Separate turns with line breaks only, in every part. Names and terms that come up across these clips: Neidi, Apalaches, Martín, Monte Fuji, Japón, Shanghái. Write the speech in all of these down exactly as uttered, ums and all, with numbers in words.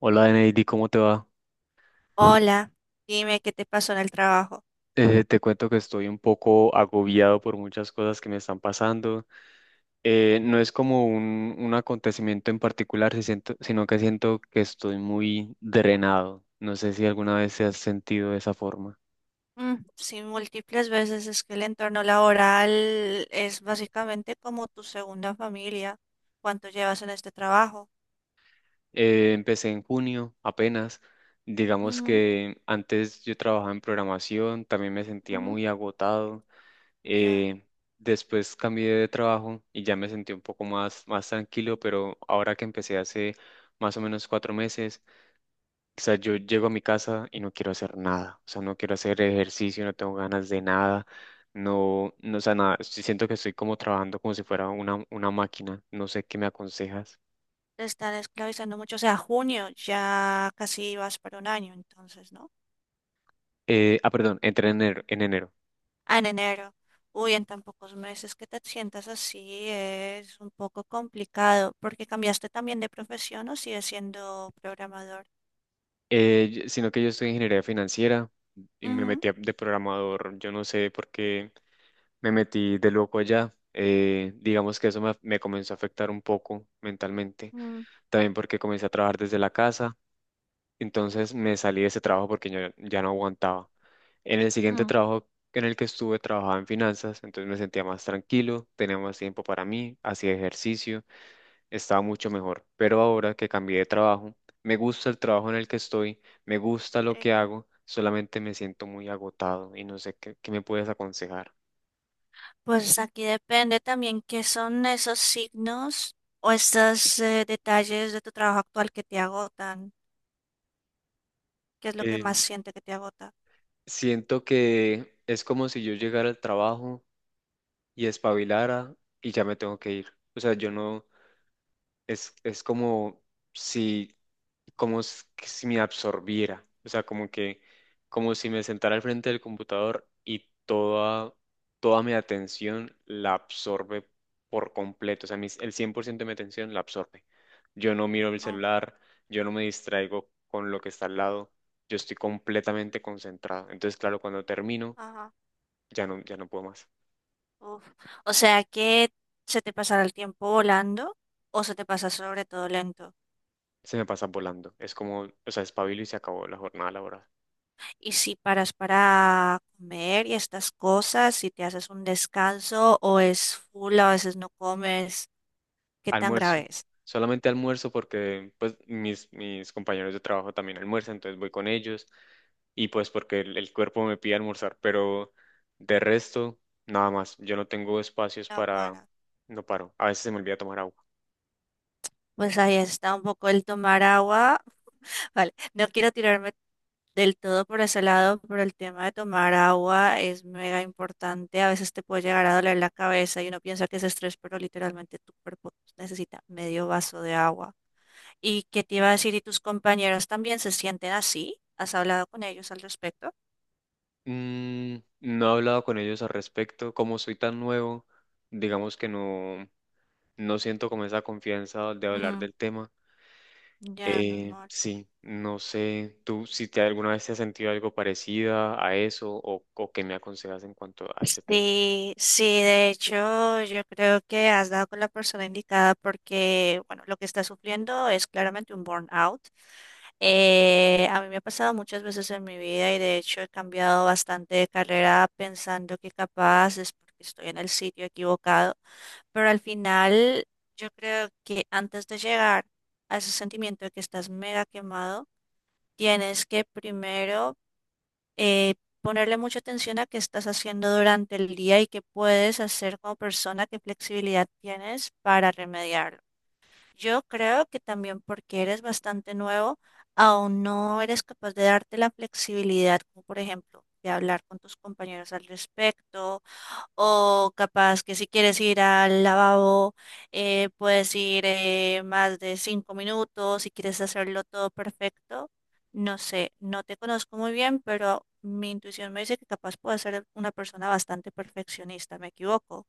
Hola, Neidi, ¿cómo te va?
Hola, dime qué te pasó en el trabajo.
Eh, te cuento que estoy un poco agobiado por muchas cosas que me están pasando. Eh, no es como un, un acontecimiento en particular, si siento- sino que siento que estoy muy drenado. No sé si alguna vez se has sentido de esa forma.
Mm, sí, múltiples veces es que el entorno laboral es básicamente como tu segunda familia. ¿Cuánto llevas en este trabajo?
Eh, empecé en junio apenas. Digamos
Ujú,
que antes yo trabajaba en programación, también me sentía
ujú.
muy agotado.
Ya
Eh, después cambié de trabajo y ya me sentí un poco más, más tranquilo, pero ahora que empecé hace más o menos cuatro meses, o sea, yo llego a mi casa y no quiero hacer nada, o sea, no quiero hacer ejercicio, no tengo ganas de nada, no, no, o sea, nada, sí siento que estoy como trabajando como si fuera una, una máquina, no sé qué me aconsejas.
te están esclavizando mucho. O sea, junio ya casi vas para un año, entonces, ¿no?
Eh, ah, perdón, entré en enero, en enero.
Ah, en enero. Uy, en tan pocos meses que te sientas así es un poco complicado. ¿Porque cambiaste también de profesión o sigues siendo programador?
Eh, y- sino que yo estoy en ingeniería financiera y me
Ujú,
metí a- de programador, yo no sé por qué. Me metí de loco allá. eh, digamos que eso me, me comenzó a afectar un poco mentalmente,
mm,
también porque comencé a trabajar desde la casa, entonces me salí de ese trabajo porque yo ya no aguantaba. En el siguiente
mm.
trabajo en el que estuve trabajaba en finanzas, entonces me sentía más tranquilo, tenía más tiempo para mí, hacía ejercicio, estaba mucho mejor. Pero ahora que cambié de trabajo, me gusta el trabajo en el que estoy, me gusta lo
Sí.
que hago, solamente me siento muy agotado y no sé qué, qué me puedes aconsejar.
Pues aquí depende también qué son esos signos o estos eh, detalles de tu trabajo actual que te agotan. ¿Qué es lo que más siente que te agota?
Siento que es como si yo llegara al trabajo y espabilara y ya me tengo que ir. O sea, yo no, es, es como si, como s- que si me absorbiera. O sea, como que, como si me sentara al frente del computador y toda, toda mi atención la absorbe por completo. O sea, mis- el cien por ciento de mi atención la absorbe. Yo no miro el
Oh,
celular, yo no me distraigo con lo que está al lado. Yo estoy completamente concentrado. Entonces, claro, cuando termino,
ajá,
ya no, ya no puedo más.
uf. O sea que se te pasará el tiempo volando o se te pasa sobre todo lento.
Se me pasa volando. Es como, o sea, espabilo y se acabó la jornada laboral.
Y si paras para comer y estas cosas, si te haces un descanso o es full, a veces no comes, ¿qué tan
Almuerzo.
grave es?
Solamente almuerzo porque pues mis, mis compañeros de trabajo también almuerzan, entonces voy con ellos y pues porque el, el cuerpo me pide almorzar, pero de resto, nada más. Yo no tengo espacios
No
para.
para.
No paro. A veces se me olvida tomar agua.
Pues ahí está un poco el tomar agua. Vale, no quiero tirarme del todo por ese lado, pero el tema de tomar agua es mega importante. A veces te puede llegar a doler la cabeza y uno piensa que es estrés, pero literalmente tu cuerpo necesita medio vaso de agua. ¿Y qué te iba a decir? ¿Y tus compañeros también se sienten así? ¿Has hablado con ellos al respecto?
Mm, no he hablado con ellos al respecto. Como soy tan nuevo, digamos que no, no siento como esa confianza de hablar
Mm,
del tema.
ya,
Eh,
normal.
sí, no sé, tú si te alguna vez te has sentido algo parecida a eso o, o qué me aconsejas en cuanto a ese tema.
Sí, sí, de hecho, yo creo que has dado con la persona indicada porque, bueno, lo que está sufriendo es claramente un burnout. Eh, a mí me ha pasado muchas veces en mi vida y de hecho he cambiado bastante de carrera pensando que capaz es porque estoy en el sitio equivocado, pero al final yo creo que antes de llegar a ese sentimiento de que estás mega quemado, tienes que primero eh, ponerle mucha atención a qué estás haciendo durante el día y qué puedes hacer como persona, qué flexibilidad tienes para remediarlo. Yo creo que también porque eres bastante nuevo, aún no eres capaz de darte la flexibilidad, como por ejemplo, de hablar con tus compañeros al respecto o capaz que si quieres ir al lavabo, eh, puedes ir eh, más de cinco minutos, si quieres hacerlo todo perfecto. No sé, no te conozco muy bien, pero mi intuición me dice que capaz puedo ser una persona bastante perfeccionista. ¿Me equivoco?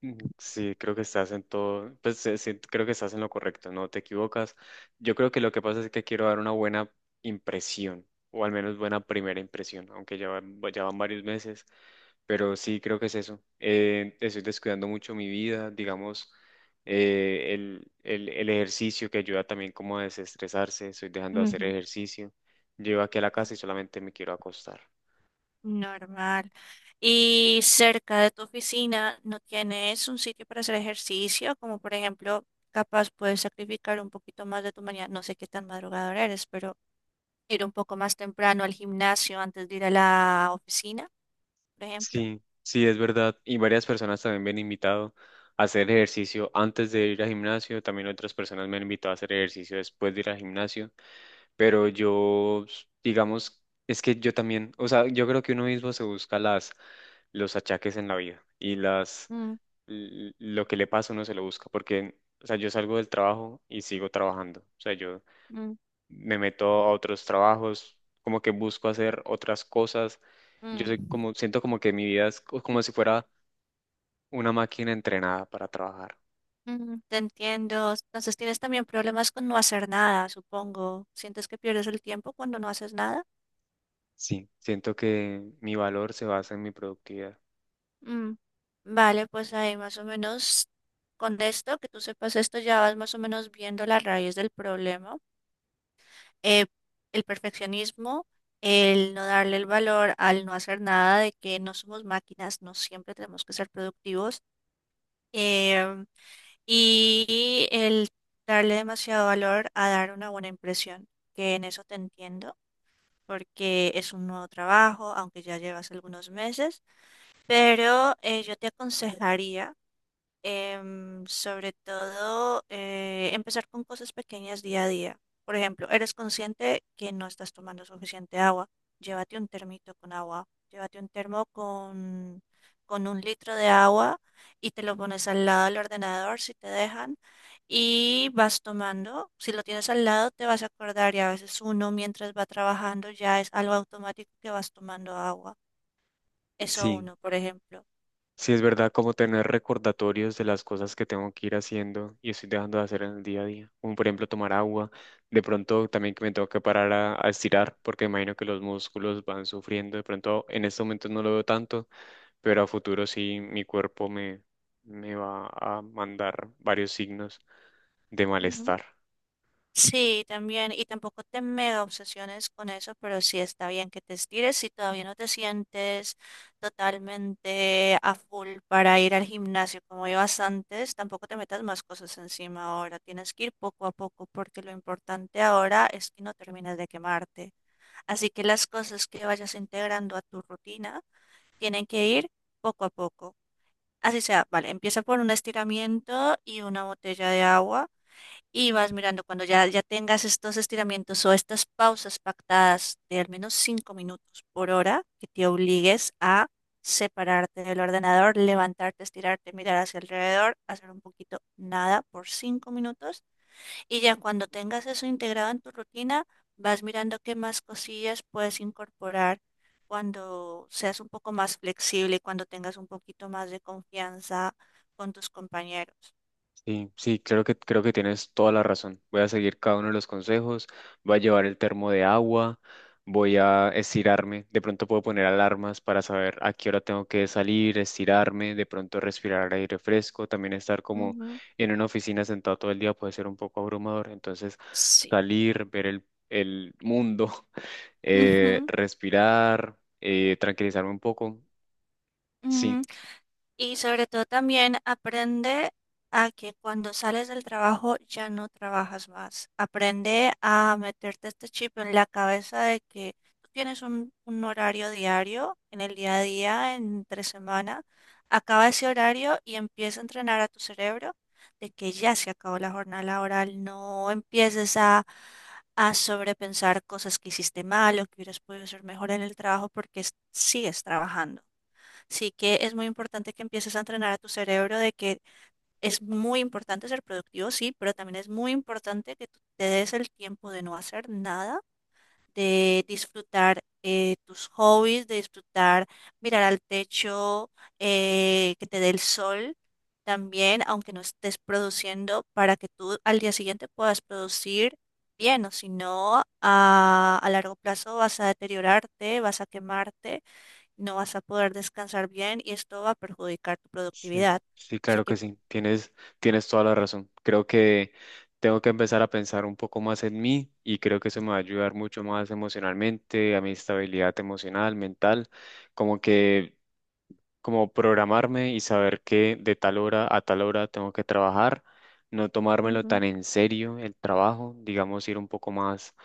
Mm, sí, creo que estás en todo, pues sí, sí, creo que estás en lo correcto, no te equivocas. Yo creo que lo que pasa es que quiero dar una buena impresión, o al menos buena primera impresión, aunque ya van, ya van varios meses, pero sí creo que es eso. Eh, estoy descuidando mucho mi vida, digamos, eh, el, el, el ejercicio que ayuda también como a desestresarse, estoy dejando de hacer
Ujú.
ejercicio, llego aquí a la casa y solamente me quiero acostar.
Normal. ¿Y cerca de tu oficina no tienes un sitio para hacer ejercicio? Como por ejemplo, capaz puedes sacrificar un poquito más de tu mañana. No sé qué tan madrugador eres, pero ir un poco más temprano al gimnasio antes de ir a la oficina, por ejemplo.
Sí, sí, es verdad. Y varias personas también me han invitado a hacer ejercicio antes de ir al gimnasio. También otras personas me han invitado a hacer ejercicio después de ir al gimnasio. Pero yo, s- digamos, es que yo también, o sea, yo creo que uno mismo se busca las, los achaques en la vida y las,
Mm,
l- lo que le pasa uno se lo busca. Porque, o sea, yo salgo del trabajo y sigo trabajando. O sea, yo
mm,
me meto a otros trabajos, como que busco hacer otras cosas. Yo soy
mm.
como, siento como que mi vida es co- como si fuera una máquina entrenada para trabajar.
Mm, te entiendo. Entonces tienes también problemas con no hacer nada, supongo. ¿Sientes que pierdes el tiempo cuando no haces nada?
Sí, siento que mi valor se basa en mi productividad.
Mm, Vale, pues ahí más o menos con esto, que tú sepas esto, ya vas más o menos viendo la raíz del problema. Eh, el perfeccionismo, el no darle el valor al no hacer nada, de que no somos máquinas, no siempre tenemos que ser productivos. em, y el darle demasiado valor a dar una buena impresión, que en eso te entiendo, porque es un nuevo trabajo, aunque ya llevas algunos meses, pero eh, yo te aconsejaría, em, sobre todo, eh, empezar con cosas pequeñas día a día. Por ejemplo, eres consciente que no estás tomando suficiente agua. Llévate un termito con agua. Llévate un termo con, con un litro de agua y te lo pones al lado del ordenador si te dejan. Y vas tomando. Si lo tienes al lado, te vas a acordar. Y a veces uno, mientras va trabajando, ya es algo automático que vas tomando agua. Eso
Sí,
uno, por ejemplo.
sí es verdad como tener recordatorios de las cosas que tengo que ir haciendo y estoy dejando de hacer en el día a día. Como por ejemplo tomar agua, de pronto también que me tengo que parar a, a estirar porque imagino que los músculos van sufriendo. De pronto en este momento no lo veo tanto, pero a futuro sí mi cuerpo me, me va a mandar varios signos de malestar.
Sí, también, y tampoco te mega obsesiones con eso, pero sí está bien que te estires si todavía no te sientes totalmente a full para ir al gimnasio como ibas antes, tampoco te metas más cosas encima ahora, tienes que ir poco a poco porque lo importante ahora es que no termines de quemarte, así que las cosas que vayas integrando a tu rutina tienen que ir poco a poco. Así sea, vale, empieza por un estiramiento y una botella de agua. Y vas mirando cuando ya, ya tengas estos estiramientos o estas pausas pactadas de al menos cinco minutos por hora, que te obligues a separarte del ordenador, levantarte, estirarte, mirar hacia alrededor, hacer un poquito nada por cinco minutos. Y ya cuando tengas eso integrado en tu rutina, vas mirando qué más cosillas puedes incorporar cuando seas un poco más flexible, y cuando tengas un poquito más de confianza con tus compañeros.
Sí, sí, creo que, creo que, tienes toda la razón. Voy a seguir cada uno de los consejos, voy a llevar el termo de agua, voy a estirarme, de pronto puedo poner alarmas para saber a qué hora tengo que salir, estirarme, de pronto respirar aire fresco, también estar como
Ujú.
en una oficina sentado todo el día puede ser un poco abrumador, entonces
Sí.
salir, ver el, el mundo, eh,
Ujú.
respirar, eh, tranquilizarme un poco. Sí,
Ujú. Y sobre todo también aprende a que cuando sales del trabajo ya no trabajas más. Aprende a meterte este chip en la cabeza de que tú tienes un, un horario diario en el día a día, entre semana. Acaba ese horario y empieza a entrenar a tu cerebro de que ya se acabó la jornada laboral. No empieces a, a sobrepensar cosas que hiciste mal o que hubieras podido hacer mejor en el trabajo porque es- sigues trabajando. Sí que es muy importante que empieces a entrenar a tu cerebro de que es muy importante ser productivo, sí, pero también es muy importante que tú te des el tiempo de no hacer nada, de disfrutar eh, tus hobbies, de disfrutar mirar al techo, eh, que te dé el sol también, aunque no estés produciendo, para que tú al día siguiente puedas producir bien, o si no, a a largo plazo vas a deteriorarte, vas a quemarte no vas a poder descansar bien y esto va a perjudicar tu
sí,
productividad.
sí,
Así
claro
que
que sí. Tienes, tienes toda la razón. Creo que tengo que empezar a pensar un poco más en mí y creo que eso me va a ayudar mucho más emocionalmente, a mi estabilidad emocional, mental, como que, como programarme y saber que de tal hora a tal hora tengo que trabajar, no tomármelo
ujú,
tan en serio el trabajo, digamos, ir un poco más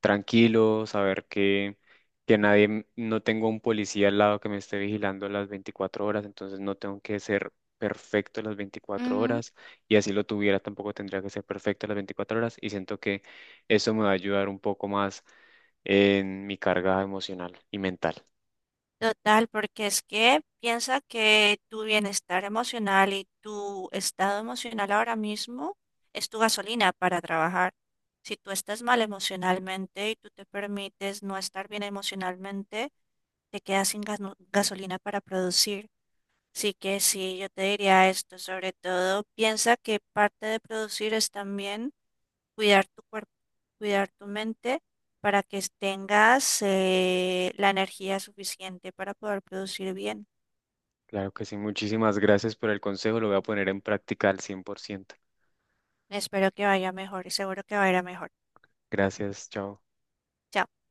tranquilo, saber que, que nadie, m- no tengo un policía al lado que me esté vigilando las veinticuatro horas, entonces no tengo que ser perfecto las veinticuatro
ujú.
horas y así lo tuviera, tampoco tendría que ser perfecto las veinticuatro horas y siento que eso me va a ayudar un poco más en mi carga emocional y mental.
Total, porque es que piensa que tu bienestar emocional y tu estado emocional ahora mismo es tu gasolina para trabajar. Si tú estás mal emocionalmente y tú te permites no estar bien emocionalmente, te quedas sin gasno- gasolina para producir. Así que sí, yo te diría esto, sobre todo piensa que parte de producir es también cuidar tu cuerpo, cuidar tu mente para que tengas eh, la energía suficiente para poder producir bien.
Claro que sí, muchísimas gracias por el consejo, lo voy a poner en práctica al cien por ciento.
Espero que vaya mejor y seguro que va a ir a mejor.
Gracias, chao.
Chao.